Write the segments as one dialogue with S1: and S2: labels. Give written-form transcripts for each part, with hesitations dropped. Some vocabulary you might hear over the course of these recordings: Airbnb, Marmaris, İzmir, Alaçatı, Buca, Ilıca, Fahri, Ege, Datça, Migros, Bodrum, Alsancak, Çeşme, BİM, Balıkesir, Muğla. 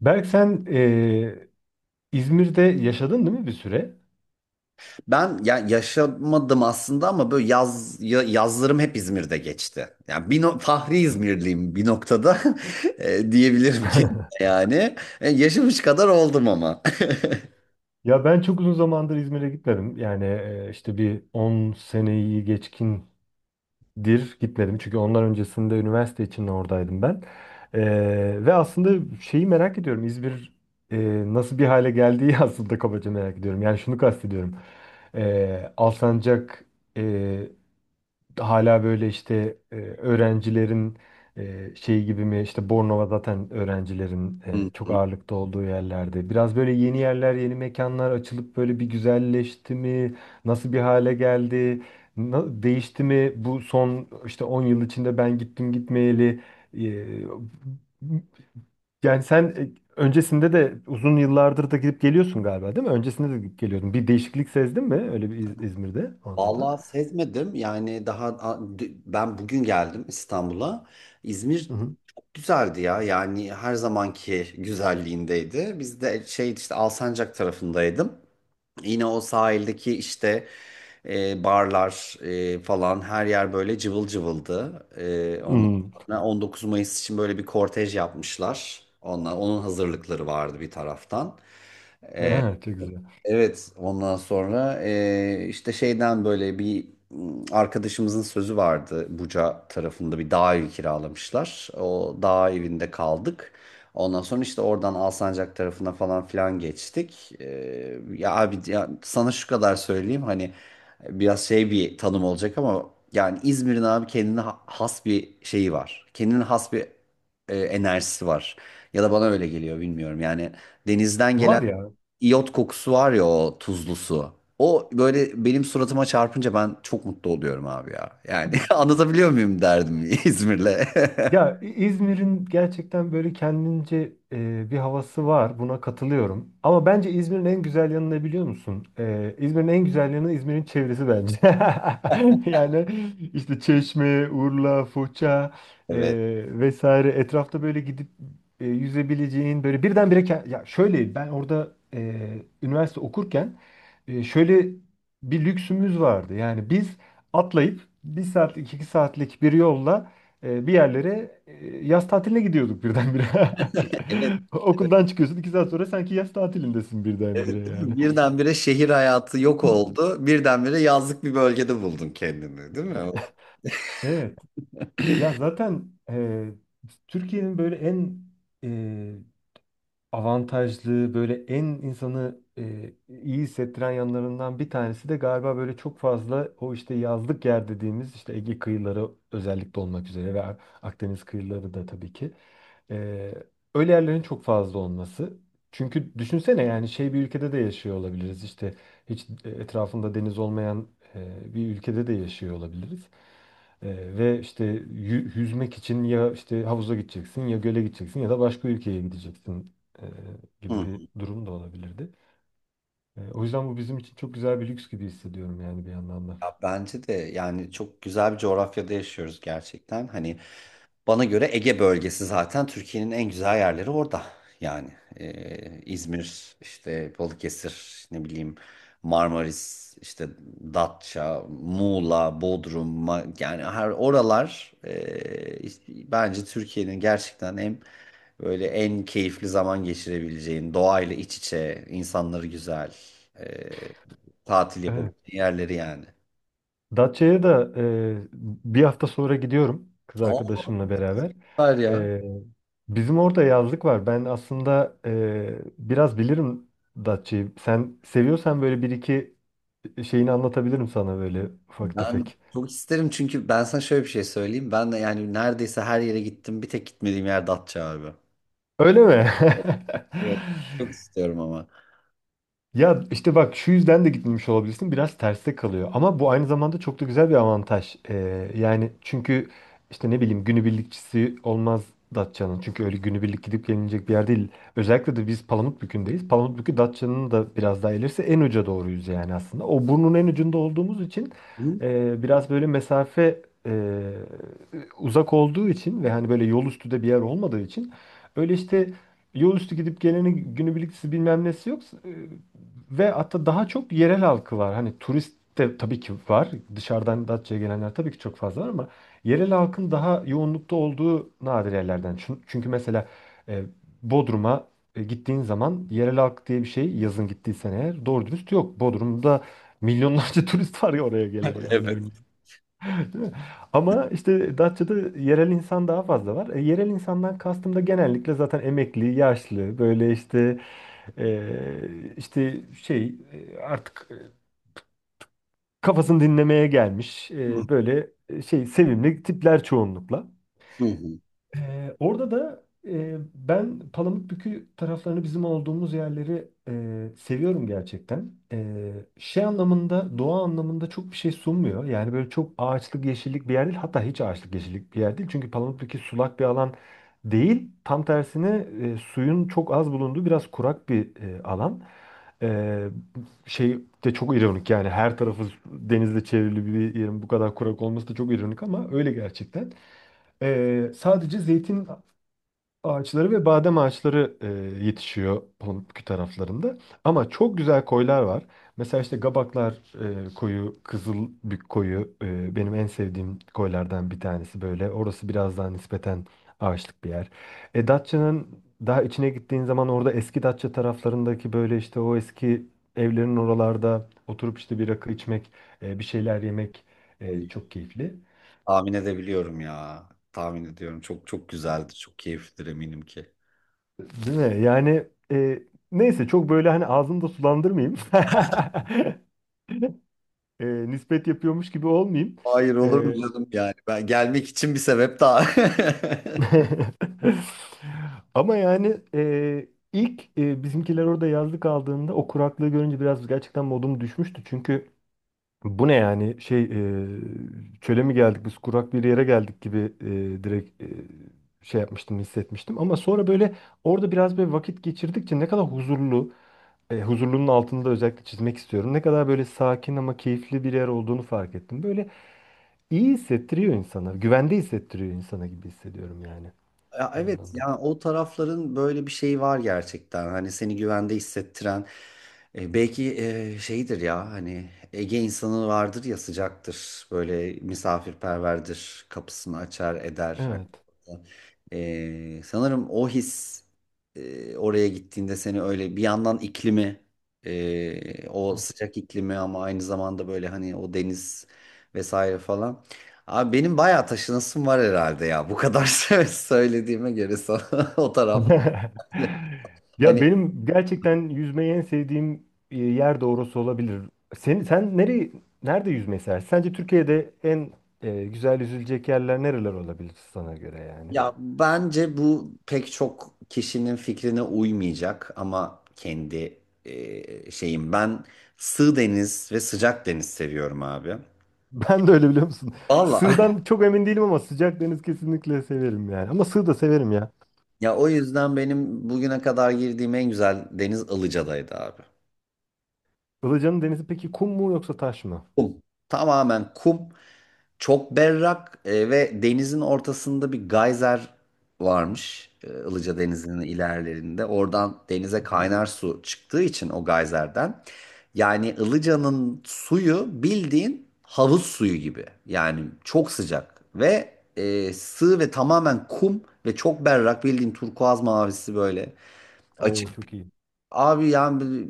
S1: Berk sen İzmir'de yaşadın değil mi bir süre?
S2: Ben ya yaşamadım aslında ama böyle yaz yazlarım hep İzmir'de geçti. Yani bir no- Fahri İzmirliyim bir noktada. Diyebilirim ki yani yaşamış kadar oldum ama.
S1: Ya ben çok uzun zamandır İzmir'e gitmedim. Yani işte bir 10 seneyi geçkindir gitmedim. Çünkü ondan öncesinde üniversite için oradaydım ben. Ve aslında şeyi merak ediyorum. İzmir nasıl bir hale geldiği aslında kabaca merak ediyorum. Yani şunu kastediyorum. Alsancak hala böyle işte öğrencilerin şey gibi mi işte Bornova zaten öğrencilerin
S2: Hı
S1: çok
S2: hı.
S1: ağırlıkta olduğu yerlerde. Biraz böyle yeni yerler, yeni mekanlar açılıp böyle bir güzelleşti mi? Nasıl bir hale geldi? Değişti mi? Bu son işte 10 yıl içinde ben gittim gitmeyeli. E, yani sen öncesinde de uzun yıllardır da gidip geliyorsun galiba değil mi? Öncesinde de gidip geliyordun. Bir değişiklik sezdin mi öyle bir İzmir'de anında?
S2: Vallahi sezmedim. Yani daha ben bugün geldim İstanbul'a. İzmir
S1: Hı
S2: güzeldi ya. Yani her zamanki güzelliğindeydi. Biz de şey işte Alsancak tarafındaydım. Yine o sahildeki işte barlar falan her yer böyle cıvıl cıvıldı. Ondan
S1: hı.
S2: sonra 19 Mayıs için böyle bir kortej yapmışlar. Onun hazırlıkları vardı bir taraftan.
S1: Çok güzel.
S2: Evet, ondan sonra işte şeyden böyle bir arkadaşımızın sözü vardı. Buca tarafında bir dağ evi kiralamışlar. O dağ evinde kaldık. Ondan sonra işte oradan Alsancak tarafına falan filan geçtik. Ya abi ya sana şu kadar söyleyeyim hani biraz şey bir tanım olacak ama yani İzmir'in abi kendine has bir şeyi var. Kendine has bir enerjisi var. Ya da bana öyle geliyor bilmiyorum. Yani denizden gelen
S1: Var ya.
S2: iyot kokusu var ya o tuzlu su. O böyle benim suratıma çarpınca ben çok mutlu oluyorum abi ya. Yani anlatabiliyor muyum derdim İzmir'le.
S1: Ya İzmir'in gerçekten böyle kendince bir havası var. Buna katılıyorum. Ama bence İzmir'in en güzel yanı ne biliyor musun? İzmir'in en güzel yanı İzmir'in çevresi bence. Yani işte Çeşme, Urla, Foça e, vesaire etrafta böyle gidip yüzebileceğin böyle birdenbire ya şöyle ben orada üniversite okurken şöyle bir lüksümüz vardı. Yani biz atlayıp bir saatlik iki saatlik bir yolla bir yerlere yaz tatiline gidiyorduk birdenbire.
S2: Evet,
S1: Okuldan çıkıyorsun 2 saat sonra sanki yaz tatilindesin birdenbire
S2: evet değil
S1: yani.
S2: mi? Birdenbire şehir hayatı yok oldu. Birdenbire yazlık bir bölgede buldun kendini, değil mi?
S1: Evet. Ya zaten Türkiye'nin böyle en e, avantajlı böyle en insanı iyi hissettiren yanlarından bir tanesi de galiba böyle çok fazla o işte yazlık yer dediğimiz işte Ege kıyıları özellikle olmak üzere ve Akdeniz kıyıları da tabii ki. E, öyle yerlerin çok fazla olması. Çünkü düşünsene yani şey bir ülkede de yaşıyor olabiliriz işte hiç etrafında deniz olmayan bir ülkede de yaşıyor olabiliriz. E, ve işte yüzmek için ya işte havuza gideceksin ya göle gideceksin ya da başka ülkeye gideceksin e, gibi
S2: Hı.
S1: bir durum da olabilirdi. O yüzden bu bizim için çok güzel bir lüks gibi hissediyorum yani bir yandan da.
S2: Ya bence de yani çok güzel bir coğrafyada yaşıyoruz gerçekten. Hani, bana göre Ege bölgesi zaten Türkiye'nin en güzel yerleri orada. Yani İzmir, işte Balıkesir, ne bileyim Marmaris, işte Datça, Muğla, Bodrum, yani her oralar işte bence Türkiye'nin gerçekten en böyle en keyifli zaman geçirebileceğin, doğayla iç içe, insanları güzel, e, tatil
S1: Evet.
S2: yapabileceğin yerleri yani.
S1: Datça'ya da bir hafta sonra gidiyorum kız
S2: Aa,
S1: arkadaşımla beraber.
S2: süper ya.
S1: E, bizim orada yazlık var. Ben aslında biraz bilirim Datça'yı. Sen seviyorsan böyle bir iki şeyini anlatabilirim sana böyle ufak
S2: Ben
S1: tefek.
S2: çok isterim çünkü ben sana şöyle bir şey söyleyeyim. Ben de yani neredeyse her yere gittim. Bir tek gitmediğim yer Datça abi.
S1: Öyle mi?
S2: Evet. Çok istiyorum ama.
S1: Ya işte bak şu yüzden de gitmemiş olabilirsin. Biraz terste kalıyor. Ama bu aynı zamanda çok da güzel bir avantaj. Yani çünkü işte ne bileyim günübirlikçisi olmaz Datça'nın. Çünkü öyle günübirlik gidip gelinecek bir yer değil. Özellikle de biz Palamutbükü'ndeyiz. Palamutbükü Datça'nın da biraz daha ilerisi en uca doğruyuz yani aslında. O burnun en ucunda olduğumuz için
S2: Hı?
S1: biraz böyle mesafe e, uzak olduğu için ve hani böyle yol üstü de bir yer olmadığı için öyle işte yol üstü gidip geleni günübirliklisi bilmem nesi yok. E, Ve hatta daha çok yerel halkı var. Hani turist de tabii ki var. Dışarıdan Datça'ya gelenler tabii ki çok fazla var ama yerel halkın daha yoğunlukta olduğu nadir yerlerden. Çünkü mesela e, Bodrum'a gittiğin zaman yerel halk diye bir şey yazın gittiysen eğer doğru dürüst yok. Bodrum'da milyonlarca turist var ya oraya gelen yani
S2: Evet.
S1: örneğin. Değil mi? Ama işte Datça'da yerel insan daha fazla var. Yerel insandan kastım da genellikle zaten emekli, yaşlı, böyle işte işte şey artık kafasını dinlemeye gelmiş
S2: Hı
S1: böyle şey sevimli tipler çoğunlukla.
S2: hı.
S1: Orada da ben Palamutbükü taraflarını bizim olduğumuz yerleri seviyorum gerçekten. Şey anlamında, doğa anlamında çok bir şey sunmuyor. Yani böyle çok ağaçlık, yeşillik bir yer değil. Hatta hiç ağaçlık, yeşillik bir yer değil. Çünkü Palamutbükü sulak bir alan değil. Tam tersine suyun çok az bulunduğu biraz kurak bir alan. Ee, şey de çok ironik yani her tarafı denizle çevrili bir yerin bu kadar kurak olması da çok ironik ama öyle gerçekten. Sadece zeytin ağaçları ve badem ağaçları yetişiyor Pamukkale taraflarında. Ama çok güzel koylar var. Mesela işte Gabaklar koyu, Kızılbük koyu benim en sevdiğim koylardan bir tanesi böyle. Orası biraz daha nispeten ağaçlık bir yer. Datça'nın daha içine gittiğin zaman orada eski Datça taraflarındaki böyle işte o eski evlerin oralarda oturup işte bir rakı içmek, bir şeyler yemek
S2: Oy.
S1: çok keyifli.
S2: Tahmin edebiliyorum ya. Tahmin ediyorum. Çok çok güzeldi. Çok keyiflidir eminim ki.
S1: Değil mi? Yani e, neyse çok böyle hani ağzımı da sulandırmayayım. Nispet yapıyormuş gibi olmayayım.
S2: Hayır olur mu
S1: E,
S2: canım yani. Ben gelmek için bir sebep daha.
S1: Ama yani ilk bizimkiler orada yazlık aldığında o kuraklığı görünce biraz gerçekten modum düşmüştü. Çünkü bu ne yani şey çöle mi geldik biz kurak bir yere geldik gibi direkt şey yapmıştım hissetmiştim. Ama sonra böyle orada biraz böyle vakit geçirdikçe ne kadar huzurlu huzurlunun altını da özellikle çizmek istiyorum. Ne kadar böyle sakin ama keyifli bir yer olduğunu fark ettim. Böyle iyi hissettiriyor insana, güvende hissettiriyor insana gibi hissediyorum yani
S2: Ya
S1: bir
S2: evet
S1: yandan da.
S2: yani o tarafların böyle bir şeyi var gerçekten. Hani seni güvende hissettiren belki şeydir ya hani Ege insanı vardır ya sıcaktır. Böyle misafirperverdir. Kapısını açar eder. Hani,
S1: Evet.
S2: sanırım o his oraya gittiğinde seni öyle bir yandan iklimi o sıcak iklimi ama aynı zamanda böyle hani o deniz vesaire falan. Abi benim bayağı taşınasım var herhalde ya. Bu kadar söylediğime göre sana o taraf.
S1: Ya
S2: Hani
S1: benim gerçekten yüzmeyi en sevdiğim yer de orası olabilir. Sen nerede yüzmeyi seversin? Sence Türkiye'de en güzel yüzülecek yerler nereler olabilir sana göre yani?
S2: ya bence bu pek çok kişinin fikrine uymayacak ama kendi şeyim. Ben sığ deniz ve sıcak deniz seviyorum abi.
S1: Ben de öyle biliyor musun?
S2: Vallahi.
S1: Sığdan çok emin değilim ama sıcak deniz kesinlikle severim yani. Ama sığ da severim ya.
S2: Ya o yüzden benim bugüne kadar girdiğim en güzel deniz Ilıca'daydı abi.
S1: Ilıca'nın denizi peki kum mu yoksa taş mı?
S2: Kum. Tamamen kum. Çok berrak ve denizin ortasında bir gayzer varmış. Ilıca Denizi'nin ilerlerinde. Oradan denize
S1: Hı hı.
S2: kaynar su çıktığı için o gayzerden. Yani Ilıca'nın suyu bildiğin havuz suyu gibi. Yani çok sıcak ve sığ ve tamamen kum ve çok berrak bildiğin turkuaz mavisi böyle
S1: Oo
S2: açık.
S1: çok iyi.
S2: Abi yani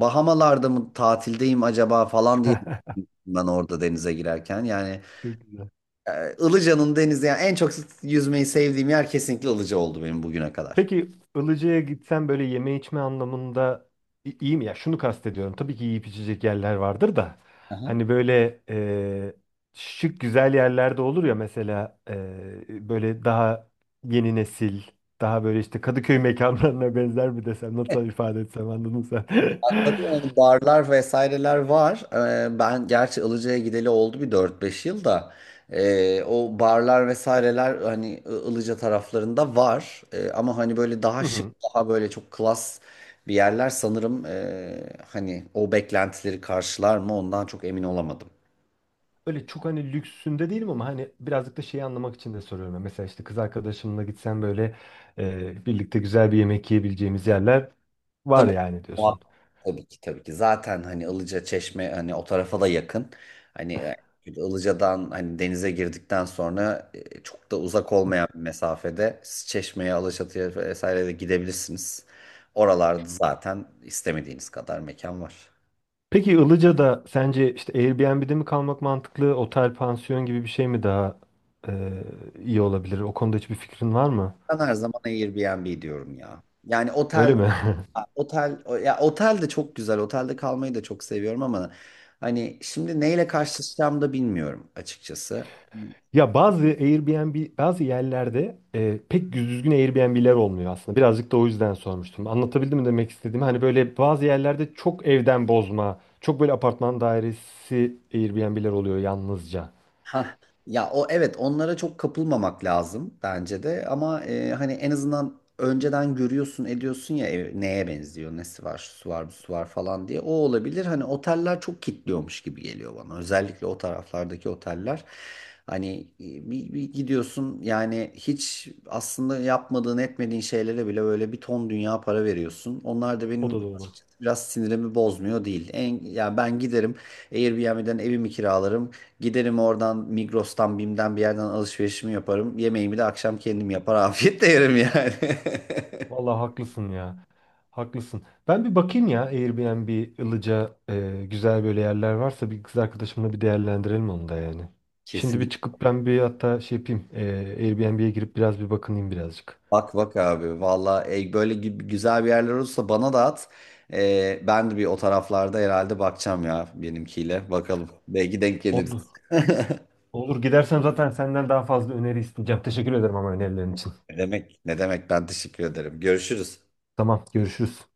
S2: Bahamalarda mı tatildeyim acaba falan diye düşündüm ben orada denize girerken. Yani
S1: Çok güzel.
S2: Ilıca'nın denizi yani en çok yüzmeyi sevdiğim yer kesinlikle Ilıca oldu benim bugüne kadar.
S1: Peki Ilıca'ya gitsen böyle yeme içme anlamında iyi mi? Ya şunu kastediyorum. Tabii ki yiyip içecek yerler vardır da.
S2: Aha.
S1: Hani böyle şık güzel yerlerde olur ya mesela böyle daha yeni nesil, daha böyle işte Kadıköy mekanlarına benzer mi desem, nasıl ifade etsem anladın sen.
S2: Tabii yani barlar vesaireler var. Ben gerçi Ilıca'ya gideli oldu bir dört beş yıl da o barlar vesaireler hani Ilıca taraflarında var. Ama hani böyle daha
S1: Hı
S2: şık,
S1: hı.
S2: daha böyle çok klas bir yerler sanırım hani o beklentileri karşılar mı ondan çok emin olamadım.
S1: Öyle çok hani lüksünde değilim ama hani birazcık da şeyi anlamak için de soruyorum. Yani mesela işte kız arkadaşımla gitsem böyle birlikte güzel bir yemek yiyebileceğimiz yerler var
S2: Tabii
S1: yani
S2: o-
S1: diyorsun.
S2: tabii ki tabii ki. Zaten hani Ilıca Çeşme hani o tarafa da yakın. Hani Ilıca'dan hani denize girdikten sonra çok da uzak olmayan bir mesafede siz Çeşme'ye, Alaçatı'ya vesaire de gidebilirsiniz. Oralarda zaten istemediğiniz kadar mekan var.
S1: Peki Ilıca'da sence işte Airbnb'de mi kalmak mantıklı, otel, pansiyon gibi bir şey mi daha e, iyi olabilir? O konuda hiçbir fikrin var mı?
S2: Ben her zaman Airbnb diyorum ya. Yani
S1: Öyle mi?
S2: ya otel de çok güzel. Otelde kalmayı da çok seviyorum ama hani şimdi neyle karşılaşacağımı da bilmiyorum açıkçası.
S1: Ya bazı Airbnb bazı yerlerde pek düzgün Airbnb'ler olmuyor aslında. Birazcık da o yüzden sormuştum. Anlatabildim mi demek istediğimi? Hani böyle bazı yerlerde çok evden bozma, çok böyle apartman dairesi Airbnb'ler oluyor yalnızca.
S2: Ha ya o evet onlara çok kapılmamak lazım bence de ama hani en azından önceden görüyorsun ediyorsun ya ev neye benziyor nesi var şu var bu var falan diye o olabilir hani oteller çok kitliyormuş gibi geliyor bana özellikle o taraflardaki oteller hani bir gidiyorsun yani hiç aslında yapmadığın etmediğin şeylere bile böyle bir ton dünya para veriyorsun onlar da
S1: O
S2: benim
S1: da doğru.
S2: açıkçası biraz sinirimi bozmuyor değil. Ya ben giderim Airbnb'den evimi kiralarım. Giderim oradan Migros'tan BİM'den bir yerden alışverişimi yaparım. Yemeğimi de akşam kendim yapar afiyetle yerim yani.
S1: Vallahi haklısın ya. Haklısın. Ben bir bakayım ya Airbnb, Ilıca güzel böyle yerler varsa bir kız arkadaşımla bir değerlendirelim onu da yani. Şimdi
S2: Kesin.
S1: bir çıkıp ben bir hatta şey yapayım. Airbnb'ye girip biraz bir bakınayım birazcık.
S2: Bak bak abi valla böyle güzel bir yerler olursa bana da at. Ben de bir o taraflarda herhalde bakacağım ya benimkiyle. Bakalım belki denk
S1: Oldu.
S2: geliriz.
S1: Olur gidersem zaten senden daha fazla öneri isteyeceğim. Teşekkür ederim ama önerilerin için.
S2: Ne demek ne demek ben teşekkür ederim. Görüşürüz.
S1: Tamam görüşürüz.